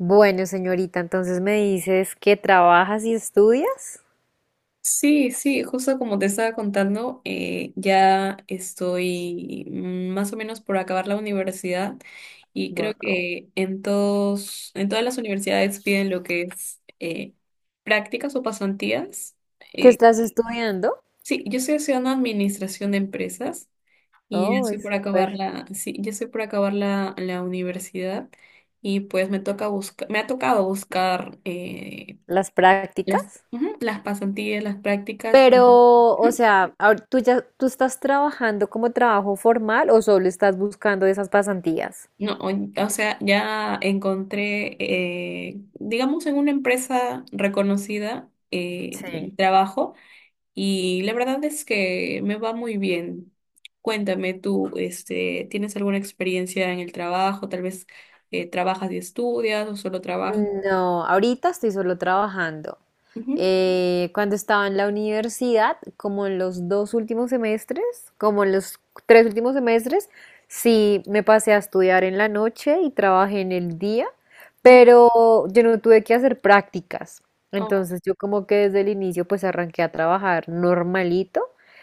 Bueno, señorita, entonces me dices que trabajas y estudias. Sí, sí, justo como te estaba contando, ya estoy más o menos por acabar la universidad y creo Wow. que en todas las universidades piden lo que es prácticas o pasantías. ¿Qué Eh, estás estudiando? sí, yo estoy haciendo administración de empresas y ya Oh, estoy es por súper. Sí, ya estoy por acabar la universidad y pues me toca me ha tocado buscar Las las, prácticas. ujú, las pasantías, las prácticas. Pero, o sea, ¿tú ya tú estás trabajando como trabajo formal o solo estás buscando esas pasantías? No, o sea, ya encontré, digamos, en una empresa reconocida Sí. el trabajo y la verdad es que me va muy bien. Cuéntame tú, este, ¿tienes alguna experiencia en el trabajo? Tal vez trabajas y estudias o solo trabajas. No, ahorita estoy solo trabajando. Ujú, Cuando estaba en la universidad, como en los dos últimos semestres, como en los tres últimos semestres, sí me pasé a estudiar en la noche y trabajé en el día, ¿no? pero yo no tuve que hacer prácticas. Oh, Entonces yo como que desde el inicio pues arranqué a trabajar normalito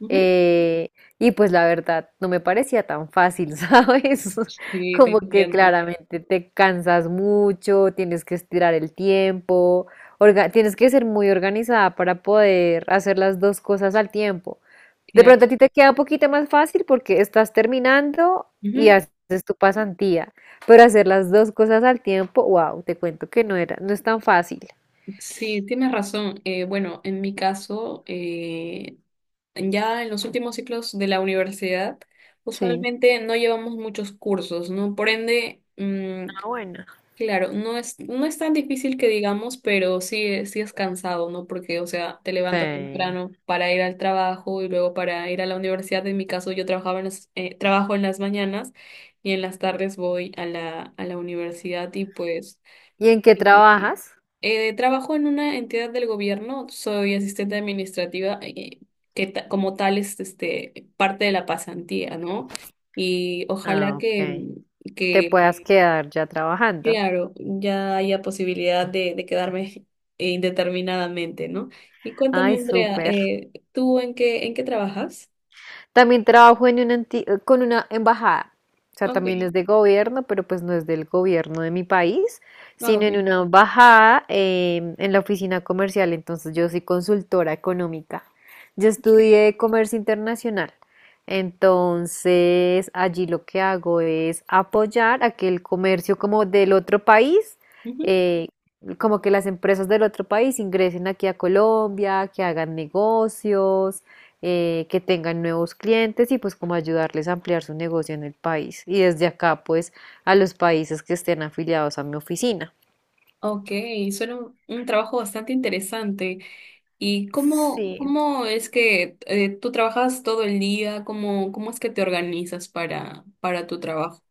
ujú. eh, y pues la verdad no me parecía tan fácil, ¿sabes? Sí, te Como que entiendo. claramente te cansas mucho, tienes que estirar el tiempo, tienes que ser muy organizada para poder hacer las dos cosas al tiempo. De Claro. pronto a ti te queda un poquito más fácil porque estás terminando y Ujú. haces tu pasantía, pero hacer las dos cosas al tiempo, wow, te cuento que no era, no es tan fácil. Sí, tienes razón. Bueno, en mi caso, ya en los últimos ciclos de la universidad, Sí. usualmente no llevamos muchos cursos, ¿no? Por ende, Ah, bueno. claro, no es tan difícil que digamos, pero sí, sí es cansado, ¿no? Porque, o sea, te levantas Sí. temprano para ir al trabajo y luego para ir a la universidad. En mi caso, yo trabajaba en trabajo en las mañanas y en las tardes voy a a la universidad y pues... ¿Y en qué Y, trabajas? Trabajo en una entidad del gobierno, soy asistente administrativa, que como tal es este, parte de la pasantía, ¿no? Y ojalá Ah, ok. Te que puedas quedar ya trabajando. claro, ya haya posibilidad de quedarme indeterminadamente, ¿no? Y cuéntame, Ay, Andrea, súper. ¿Tú en en qué trabajas? También trabajo en una con una embajada. O sea, Ok, también es de gobierno, pero pues no es del gobierno de mi país, ah, sino ok, en una embajada, en la oficina comercial. Entonces yo soy consultora económica. Yo ok. estudié comercio internacional. Entonces, allí lo que hago es apoyar a que el comercio como del otro país, Ujú. eh, como que las empresas del otro país ingresen aquí a Colombia, que hagan negocios, que tengan nuevos clientes y pues como ayudarles a ampliar su negocio en el país y desde acá pues a los países que estén afiliados a mi oficina. Ok, suena un trabajo bastante interesante. ¿Y cómo, Sí, cómo es que tú trabajas todo el día? ¿Cómo, cómo es que te organizas para tu trabajo?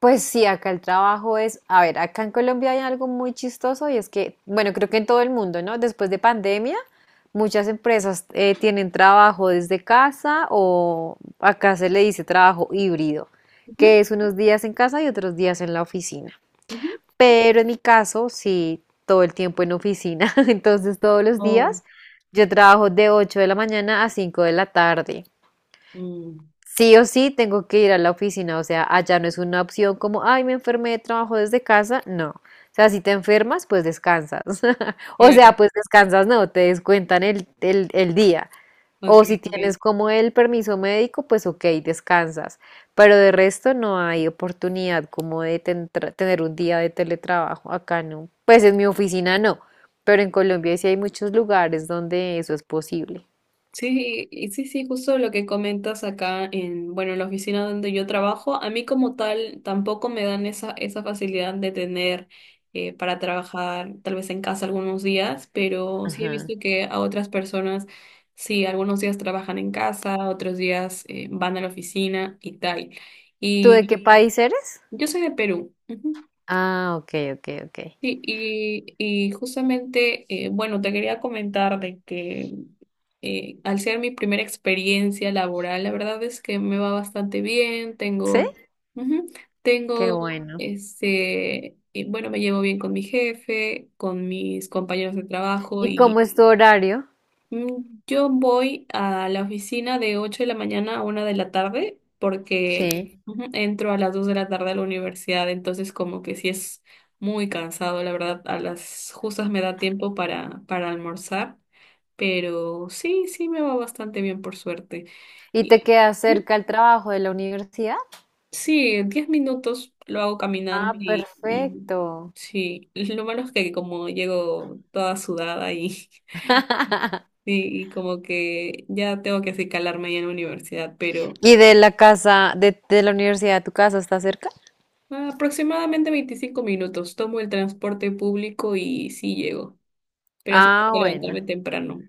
pues sí, acá el trabajo es, a ver, acá en Colombia hay algo muy chistoso y es que, bueno, creo que en todo el mundo, ¿no? Después de pandemia, muchas empresas tienen trabajo desde casa o acá se le dice trabajo híbrido, Ujú, que es unos días en casa y otros días en la oficina. ujú. Pero en mi caso, sí, todo el tiempo en oficina, entonces todos los Oh, días yo trabajo de 8 de la mañana a 5 de la tarde. mm. Sí o sí tengo que ir a la oficina, o sea, allá no es una opción como, ay, me enfermé, trabajo desde casa, no. O sea, si te enfermas, pues descansas. O Claro, sea, pues descansas, no, te descuentan el día. ok, O si ok. tienes como el permiso médico, pues ok, descansas. Pero de resto no hay oportunidad como de tener un día de teletrabajo. Acá no. Pues en mi oficina no. Pero en Colombia sí hay muchos lugares donde eso es posible. Sí, y sí, sí, justo lo que comentas acá en, bueno, en la oficina donde yo trabajo, a mí como tal tampoco me dan esa, esa facilidad de tener para trabajar tal vez en casa algunos días, pero sí he visto Ajá. que a otras personas, sí, algunos días trabajan en casa, otros días van a la oficina y tal. ¿Tú de qué Y Sí. país eres? yo soy de Perú. Ujú. Ah, ok, ok, ok. Sí, y justamente, bueno, te quería comentar de que al ser mi primera experiencia laboral, la verdad es que me va bastante bien, ¿Sí? tengo, ujú, Qué tengo, bueno. este, bueno, me llevo bien con mi jefe, con mis compañeros de trabajo. ¿Y cómo es tu horario? Mm, yo voy a la oficina de 8 de la mañana a 1 de la tarde porque, Sí. ujú, entro a las 2 de la tarde a la universidad, entonces como que sí es muy cansado, la verdad, a las justas me da tiempo para almorzar, pero sí, sí me va bastante bien por suerte. ¿Y te Y, queda ujú, cerca el trabajo de la universidad? sí, 10 minutos lo hago caminando Ah, y perfecto. sí, lo malo es que como llego toda sudada y... y como que ya tengo que así calarme ya en la universidad, pero ¿Y de la casa, de la universidad a tu casa está cerca? aproximadamente 25 minutos. Tomo el transporte público y sí llego, pero sí tengo Ah, que levantarme bueno. temprano.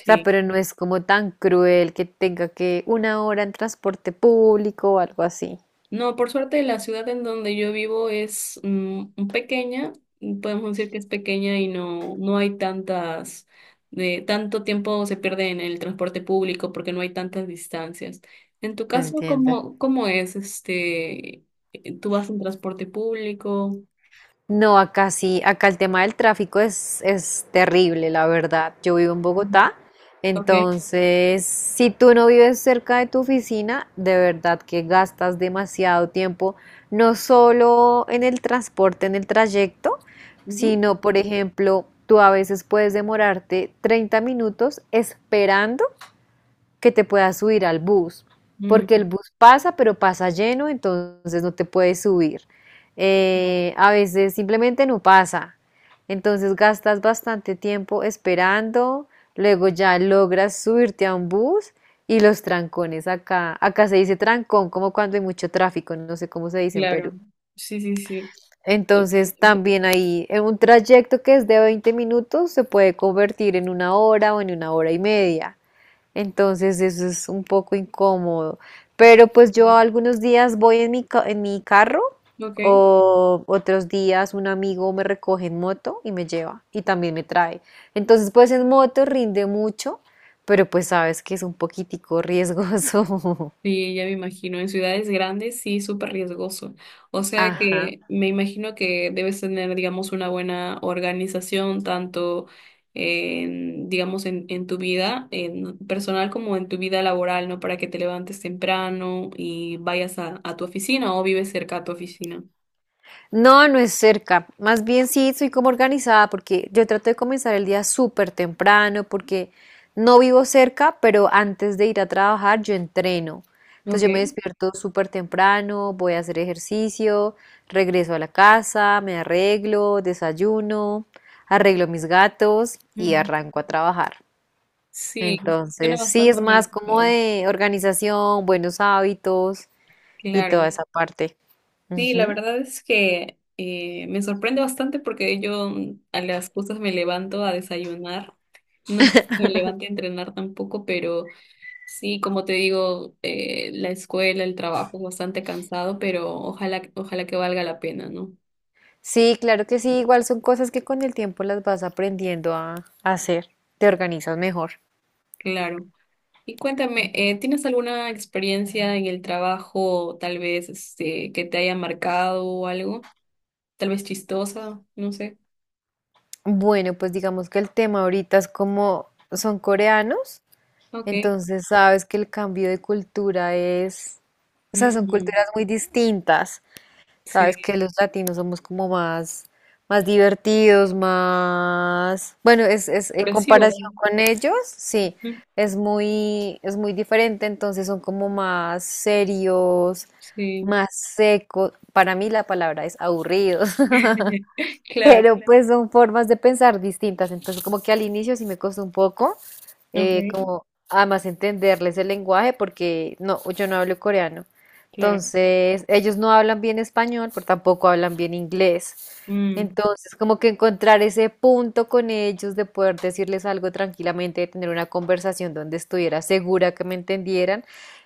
O sea, pero no es como tan cruel que tenga que una hora en transporte público o algo así. No, por suerte la ciudad en donde yo vivo es pequeña, podemos decir que es pequeña y no, no hay tantas, de, tanto tiempo se pierde en el transporte público porque no hay tantas distancias. En tu Te caso, entiendo. ¿cómo, cómo es este? ¿Tú vas en transporte público? No, acá sí, acá el tema del tráfico es terrible, la verdad. Yo vivo en Mm. Bogotá, Ok. entonces si tú no vives cerca de tu oficina, de verdad que gastas demasiado tiempo, no solo en el transporte, en el trayecto, Ujú. sino, por ejemplo, tú a veces puedes demorarte 30 minutos esperando que te puedas subir al bus, porque el Mm, bus pasa, pero pasa lleno, entonces no te puedes subir. no, A veces simplemente no pasa, entonces gastas bastante tiempo esperando, luego ya logras subirte a un bus y los trancones acá, acá se dice trancón, como cuando hay mucho tráfico, no sé cómo se dice en claro. Perú. Sí, sí, sí. Eh, Entonces también ahí en un trayecto que es de 20 minutos se puede convertir en una hora o en una hora y media. Entonces eso es un poco incómodo. Pero pues yo algunos días voy en en mi carro ok. o otros días un amigo me recoge en moto y me lleva y también me trae. Entonces pues en moto rinde mucho, pero pues sabes que es un poquitico riesgoso. Sí, ya me imagino. En ciudades grandes sí, súper riesgoso. O sea Ajá. que me imagino que debes tener, digamos, una buena organización, tanto en, digamos, en tu vida en personal como en tu vida laboral, ¿no? Para que te levantes temprano y vayas a tu oficina o vives cerca a tu oficina. No, no es cerca. Más bien sí, soy como organizada porque yo trato de comenzar el día súper temprano porque no vivo cerca, pero antes de ir a trabajar yo entreno. Entonces Ok. yo me despierto súper temprano, voy a hacer ejercicio, regreso a la casa, me arreglo, desayuno, arreglo mis gatos y Ujú. arranco a trabajar. Sí, suena Entonces sí, bastante es más como organizado. de organización, buenos hábitos y toda Claro, esa parte. sí, la Ujú. verdad es que me sorprende bastante porque yo a las justas me levanto a desayunar, no es que me levanto a entrenar tampoco, pero sí, como te digo, la escuela, el trabajo es bastante cansado, pero ojalá, ojalá que valga la pena, ¿no? Sí, claro que sí, igual son cosas que con el tiempo las vas aprendiendo a hacer, te organizas mejor. Claro. Y cuéntame, ¿tienes alguna experiencia en el trabajo, tal vez este, que te haya marcado o algo? Tal vez chistosa, no sé. Bueno, pues digamos que el tema ahorita es como son coreanos, Ok. entonces sabes que el cambio de cultura es, o sea, son Mm, culturas muy distintas. Sabes sí, que los latinos somos como más, más divertidos, más... Bueno, es en expresivo. comparación con ellos, sí, Mm, es muy diferente, entonces son como más serios, sí, más secos. Para mí la palabra es aburridos. claro, Pero pues son formas de pensar distintas, entonces como que al inicio sí me costó un poco, okay, como además entenderles el lenguaje porque no, yo no hablo coreano, claro, entonces ellos no hablan bien español, pero tampoco hablan bien inglés, mm, entonces como que encontrar ese punto con ellos de poder decirles algo tranquilamente, de tener una conversación donde estuviera segura que me entendieran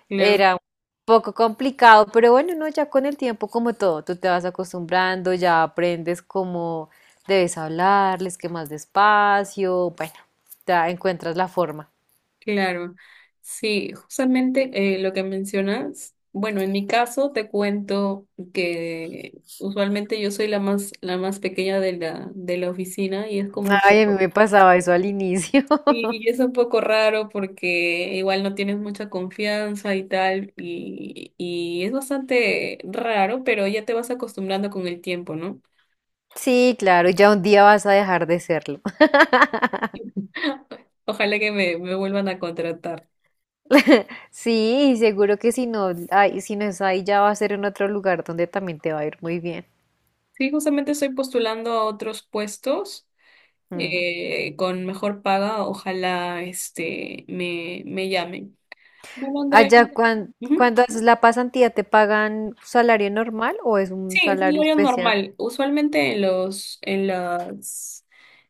claro, era un poco complicado, pero bueno, no, ya con el tiempo, como todo, tú te vas acostumbrando, ya aprendes cómo debes hablarles, que más despacio, bueno, ya encuentras la forma. claro. Sí, justamente lo que mencionas, bueno, en mi caso te cuento que usualmente yo soy la más pequeña de de la oficina y es como un Ay, a mí poco, me pasaba eso al inicio. sí, y es un poco raro porque igual no tienes mucha confianza y tal, y es bastante raro, pero ya te vas acostumbrando con el tiempo, ¿no? Sí, claro, ya un día vas a dejar de serlo. Ojalá que me vuelvan a contratar. Sí, y seguro que si no, ay, si no es ahí, ya va a ser en otro lugar donde también te va a ir muy bien. Sí, justamente estoy postulando a otros puestos Mm. Con mejor paga. Ojalá este me, me llamen. Bueno, Andrea. Allá, Ujú. cuando haces la pasantía, ¿te pagan salario normal o es Sí, un es un salario horario especial? normal. Usualmente en los, en las,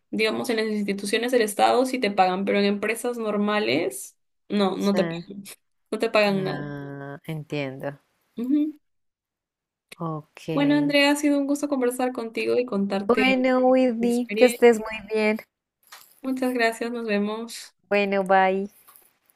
digamos, en las instituciones del Estado sí te pagan, pero en empresas normales no, no te, Sí. No te pagan nada. Ah, entiendo. Ujú. Ok. Bueno, Andrea, ha sido un gusto conversar contigo y contarte Bueno, mi Whitney, que experiencia. estés muy bien. Muchas gracias, nos vemos. Bueno, bye.